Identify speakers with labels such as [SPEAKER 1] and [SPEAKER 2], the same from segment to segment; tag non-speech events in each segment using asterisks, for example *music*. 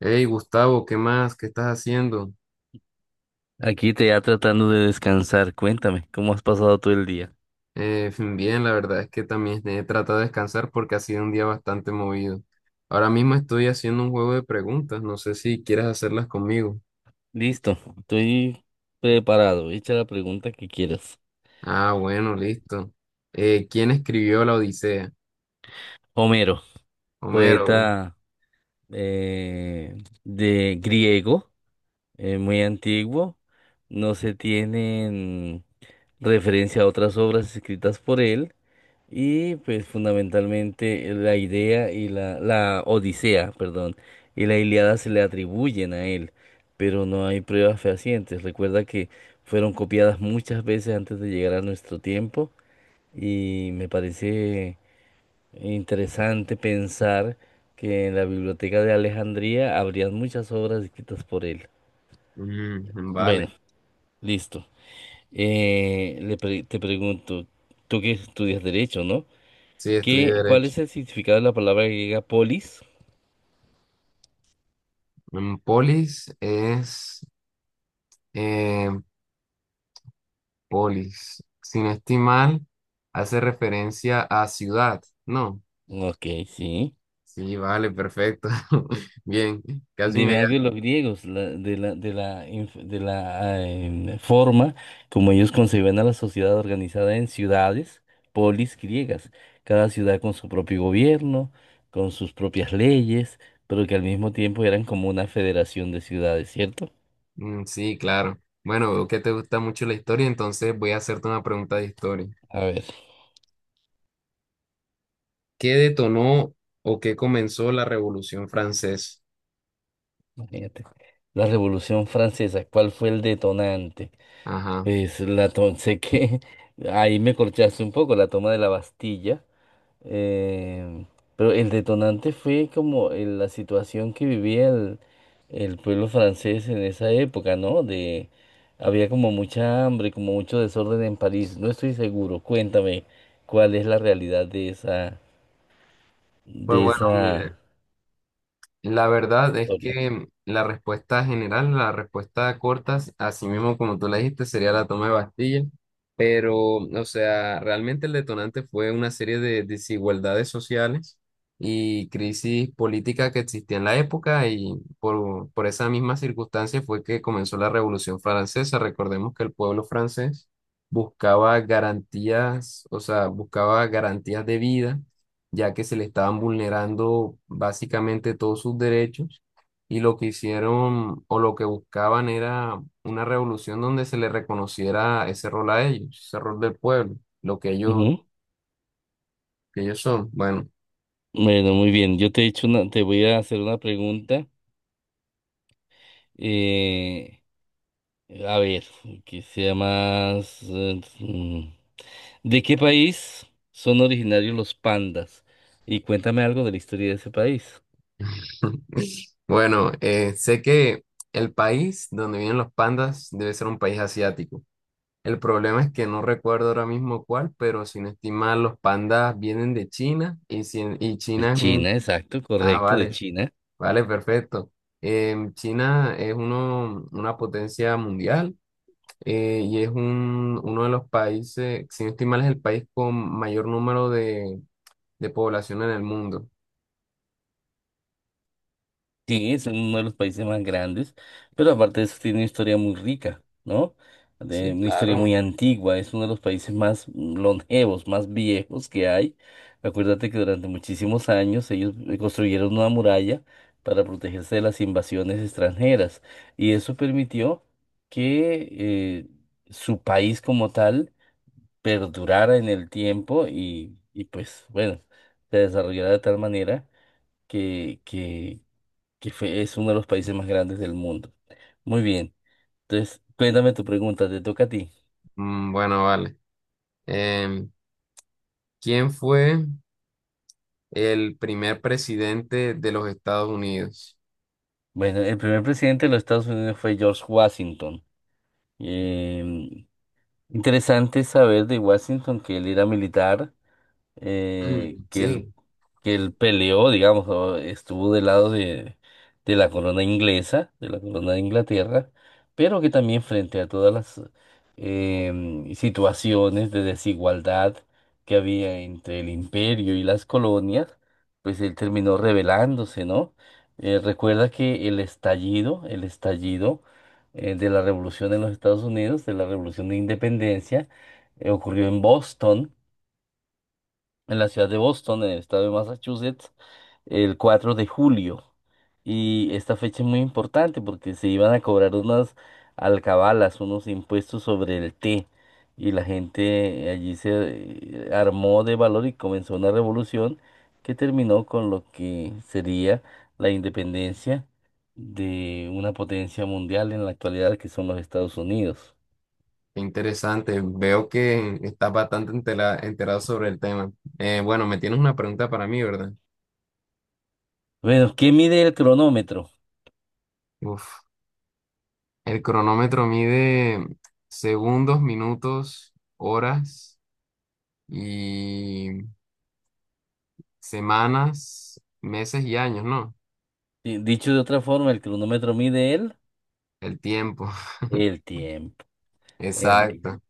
[SPEAKER 1] Hey Gustavo, ¿qué más? ¿Qué estás haciendo?
[SPEAKER 2] Aquí te ya tratando de descansar. Cuéntame, ¿cómo has pasado todo el día?
[SPEAKER 1] *laughs* Fin, bien, la verdad es que también he tratado de descansar porque ha sido un día bastante movido. Ahora mismo estoy haciendo un juego de preguntas, no sé si quieres hacerlas conmigo.
[SPEAKER 2] Listo, estoy preparado. Echa la pregunta que quieras.
[SPEAKER 1] Ah, bueno, listo. ¿Quién escribió la Odisea?
[SPEAKER 2] Homero,
[SPEAKER 1] Homero.
[SPEAKER 2] poeta eh, de griego, muy antiguo. No se tienen referencia a otras obras escritas por él. Y pues fundamentalmente la idea y la Odisea, perdón, y la Ilíada se le atribuyen a él, pero no hay pruebas fehacientes. Recuerda que fueron copiadas muchas veces antes de llegar a nuestro tiempo y me parece interesante pensar que en la biblioteca de Alejandría habrían muchas obras escritas por él.
[SPEAKER 1] Mm, vale,
[SPEAKER 2] Bueno, listo. Te pregunto, tú que estudias derecho, ¿no?
[SPEAKER 1] sí, estudié
[SPEAKER 2] ¿Qué, cuál
[SPEAKER 1] Derecho.
[SPEAKER 2] es el significado de la palabra griega polis?
[SPEAKER 1] Mm, eh, polis. Sin estimar, hace referencia a ciudad, ¿no?
[SPEAKER 2] Ok, sí.
[SPEAKER 1] Sí, vale, perfecto. *laughs* Bien, casi me...
[SPEAKER 2] Dime algo de los griegos, de la forma como ellos concebían a la sociedad organizada en ciudades, polis griegas, cada ciudad con su propio gobierno, con sus propias leyes, pero que al mismo tiempo eran como una federación de ciudades, ¿cierto?
[SPEAKER 1] Mm, sí, claro. Bueno, veo que te gusta mucho la historia, entonces voy a hacerte una pregunta de historia.
[SPEAKER 2] A ver,
[SPEAKER 1] ¿Qué detonó o qué comenzó la Revolución Francesa?
[SPEAKER 2] imagínate. La Revolución Francesa, ¿cuál fue el detonante?
[SPEAKER 1] Ajá.
[SPEAKER 2] Es sé que *laughs* ahí me corchaste un poco la toma de la Bastilla, eh, pero el detonante fue como la situación que vivía el pueblo francés en esa época, ¿no? De había como mucha hambre, como mucho desorden en París. No estoy seguro. Cuéntame cuál es la realidad de esa
[SPEAKER 1] Pues
[SPEAKER 2] de
[SPEAKER 1] bueno, mira,
[SPEAKER 2] esa
[SPEAKER 1] la verdad es
[SPEAKER 2] historia.
[SPEAKER 1] que la respuesta general, la respuesta corta, así mismo como tú la dijiste, sería la toma de Bastilla. Pero, o sea, realmente el detonante fue una serie de desigualdades sociales y crisis política que existía en la época y por esa misma circunstancia fue que comenzó la Revolución Francesa. Recordemos que el pueblo francés buscaba garantías, o sea, buscaba garantías de vida ya que se le estaban vulnerando básicamente todos sus derechos y lo que hicieron o lo que buscaban era una revolución donde se le reconociera ese rol a ellos, ese rol del pueblo, lo
[SPEAKER 2] Ujú.
[SPEAKER 1] que ellos son. Bueno,
[SPEAKER 2] Bueno, muy bien. Yo te he hecho una, Te voy a hacer una pregunta. eh, A ver, que sea más, ¿de qué país son originarios los pandas? Y cuéntame algo de la historia de ese país.
[SPEAKER 1] *laughs* bueno, sé que el país donde viven los pandas debe ser un país asiático. El problema es que no recuerdo ahora mismo cuál, pero sin estimar, los pandas vienen de China y, si- y
[SPEAKER 2] De
[SPEAKER 1] China es un...
[SPEAKER 2] China, exacto,
[SPEAKER 1] Ah,
[SPEAKER 2] correcto, de
[SPEAKER 1] vale.
[SPEAKER 2] China.
[SPEAKER 1] Vale, perfecto. Em, China es una potencia mundial y es uno de los países, si no estoy mal, es el país con mayor número de población en el mundo.
[SPEAKER 2] Sí, es uno de los países más grandes, pero aparte de eso tiene una historia muy rica, ¿no?
[SPEAKER 1] Sí,
[SPEAKER 2] Una historia
[SPEAKER 1] claro.
[SPEAKER 2] muy antigua, es uno de los países más longevos, más viejos que hay. Acuérdate que durante muchísimos años ellos construyeron una muralla para protegerse de las invasiones extranjeras y eso permitió que su país como tal perdurara en el tiempo y pues bueno, se desarrollara de tal manera que, que que es uno de los países más grandes del mundo. Muy bien. Entonces, cuéntame tu pregunta, te toca a ti.
[SPEAKER 1] Mm, bueno, vale. Em, ¿quién fue el primer presidente de los Estados Unidos?
[SPEAKER 2] Bueno, el primer presidente de los Estados Unidos fue George Washington. Em, Interesante saber de Washington que él era militar, eh,
[SPEAKER 1] Mm,
[SPEAKER 2] que él,
[SPEAKER 1] sí,
[SPEAKER 2] que él peleó, digamos, o estuvo del lado de la corona inglesa, de la corona de Inglaterra, pero que también frente a todas las situaciones de desigualdad que había entre el imperio y las colonias, pues él terminó rebelándose, ¿no? Recuerda que el estallido de la revolución en los Estados Unidos, de la revolución de independencia, ocurrió en Boston, en la ciudad de Boston, en el estado de Massachusetts, el 4 de julio. Y esta fecha es muy importante porque se iban a cobrar unas alcabalas, unos impuestos sobre el té. Y la gente allí se armó de valor y comenzó una revolución que terminó con lo que sería la independencia de una potencia mundial en la actualidad que son los Estados Unidos.
[SPEAKER 1] qué interesante. Veo que estás enterado sobre el tema. Bueno, me tienes una pregunta para mí, ¿verdad?
[SPEAKER 2] Bueno, ¿qué mide el cronómetro?
[SPEAKER 1] Uf. El cronómetro mide segundos, minutos, horas y semanas, meses y años, ¿no?
[SPEAKER 2] Dicho de otra forma, el cronómetro mide el
[SPEAKER 1] El tiempo,
[SPEAKER 2] El tiempo,
[SPEAKER 1] *laughs*
[SPEAKER 2] el tiempo.
[SPEAKER 1] exacto.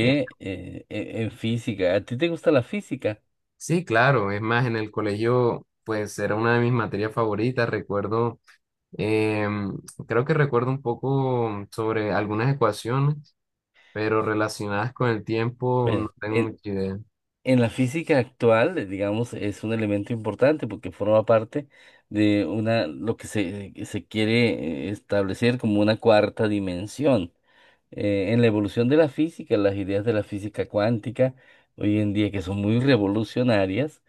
[SPEAKER 1] Eh,
[SPEAKER 2] en física, ¿a ti te gusta la física?
[SPEAKER 1] Sí, claro, es más, en el colegio, pues era una de mis materias favoritas. Recuerdo, em, creo que recuerdo un poco sobre algunas ecuaciones, pero relacionadas con el tiempo
[SPEAKER 2] Bueno,
[SPEAKER 1] no tengo
[SPEAKER 2] en,
[SPEAKER 1] mucha idea.
[SPEAKER 2] en la física actual, digamos, es un elemento importante porque forma parte lo que se quiere establecer como una cuarta dimensión. En la evolución de la física, las ideas de la física cuántica hoy en día que son muy revolucionarias,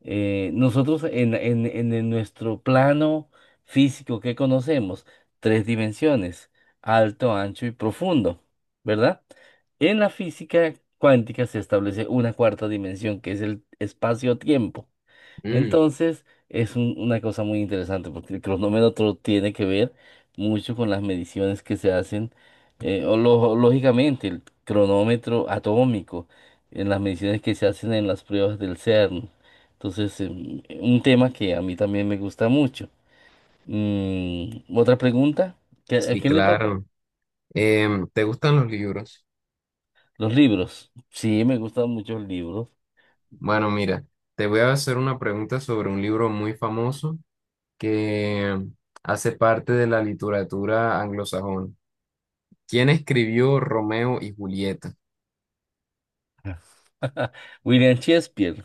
[SPEAKER 2] nosotros en nuestro plano físico que conocemos, tres dimensiones, alto, ancho y profundo, ¿verdad? En la física cuántica se establece una cuarta dimensión que es el espacio-tiempo.
[SPEAKER 1] Mm,
[SPEAKER 2] Entonces, es una cosa muy interesante porque el cronómetro tiene que ver mucho con las mediciones que se hacen, o lógicamente, el cronómetro atómico, en las mediciones que se hacen en las pruebas del CERN. Entonces, un tema que a mí también me gusta mucho. Otra pregunta, ¿a
[SPEAKER 1] sí,
[SPEAKER 2] quién le toca?
[SPEAKER 1] claro. Em, ¿te gustan los libros?
[SPEAKER 2] Los libros. Sí, me gustan mucho los libros.
[SPEAKER 1] Bueno, mira, te voy a hacer una pregunta sobre un libro muy famoso que hace parte de la literatura anglosajona. ¿Quién escribió Romeo y Julieta?
[SPEAKER 2] *laughs* William Shakespeare.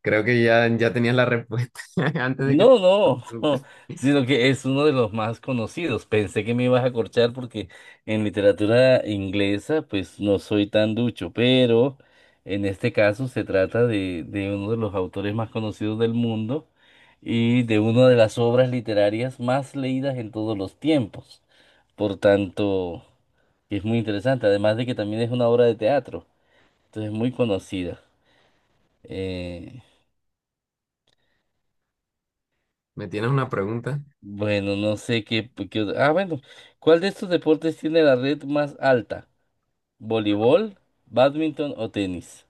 [SPEAKER 1] Creo que ya tenías la respuesta *laughs* antes de que te-
[SPEAKER 2] No, no, *laughs* sino que es uno de los más conocidos. Pensé que me ibas a corchar porque en literatura inglesa pues no soy tan ducho, pero en este caso se trata de uno de los autores más conocidos del mundo y de una de las obras literarias más leídas en todos los tiempos. Por tanto, es muy interesante, además de que también es una obra de teatro, entonces es muy conocida. Eh,
[SPEAKER 1] me tienes una pregunta.
[SPEAKER 2] Bueno, no sé qué. Ah, bueno. ¿Cuál de estos deportes tiene la red más alta? ¿Voleibol, bádminton o tenis?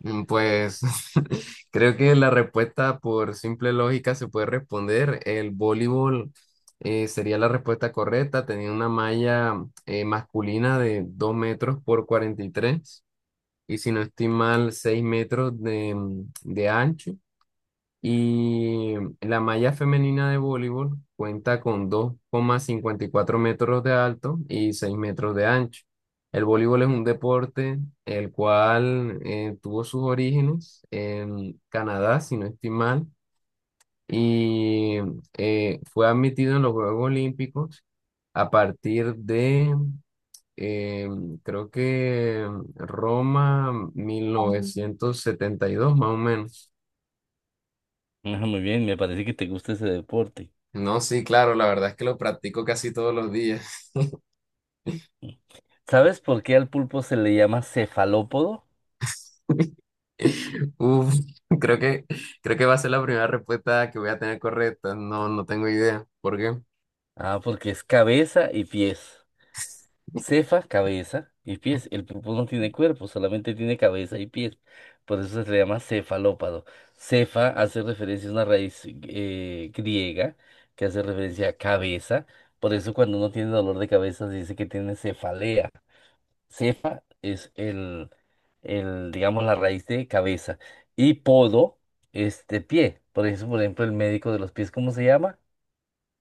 [SPEAKER 1] Mm, pues *laughs* creo que la respuesta por simple lógica se puede responder. El voleibol sería la respuesta correcta. Tenía una malla masculina de 2 m por 2,43. Y si no estoy mal, 6 m de ancho. Y la malla femenina de voleibol cuenta con 2,54 m de alto y 6 m de ancho. El voleibol es un deporte el cual tuvo sus orígenes en Canadá, si no estoy mal, y fue admitido en los Juegos Olímpicos a partir de eh, creo que Roma 1972 más o menos.
[SPEAKER 2] Ah, muy bien, me parece que te gusta ese deporte.
[SPEAKER 1] No, sí, claro, la verdad es que lo practico casi todos los días.
[SPEAKER 2] ¿Sabes por qué al pulpo se le llama cefalópodo?
[SPEAKER 1] *laughs* Uf, creo que, creo que va a ser la primera respuesta que voy a tener correcta. No, no tengo idea. ¿Por qué?
[SPEAKER 2] Ah, porque es cabeza y pies. Cefa, cabeza y pies. El pulpo no tiene cuerpo, solamente tiene cabeza y pies. Por eso se le llama cefalópado. Cefa hace referencia a una raíz griega que hace referencia a cabeza. Por eso cuando uno tiene dolor de cabeza se dice que tiene cefalea. Cefa es digamos, la raíz de cabeza. Y podo es de pie. Por eso, por ejemplo, el médico de los pies, ¿cómo se llama?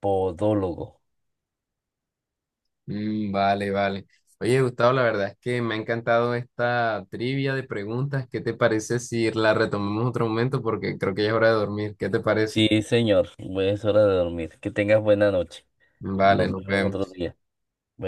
[SPEAKER 2] Podólogo.
[SPEAKER 1] Mm, vale, vale. Oye, Gustavo, la verdad es que me ha encantado esta trivia de preguntas. ¿Qué te parece si la retomamos otro momento? Porque creo que ya es hora de dormir. ¿Qué te parece?
[SPEAKER 2] Sí, señor. Es hora de dormir. Que tengas buena noche.
[SPEAKER 1] Vale,
[SPEAKER 2] Nos
[SPEAKER 1] nos
[SPEAKER 2] vemos otro
[SPEAKER 1] vemos.
[SPEAKER 2] día. Bueno.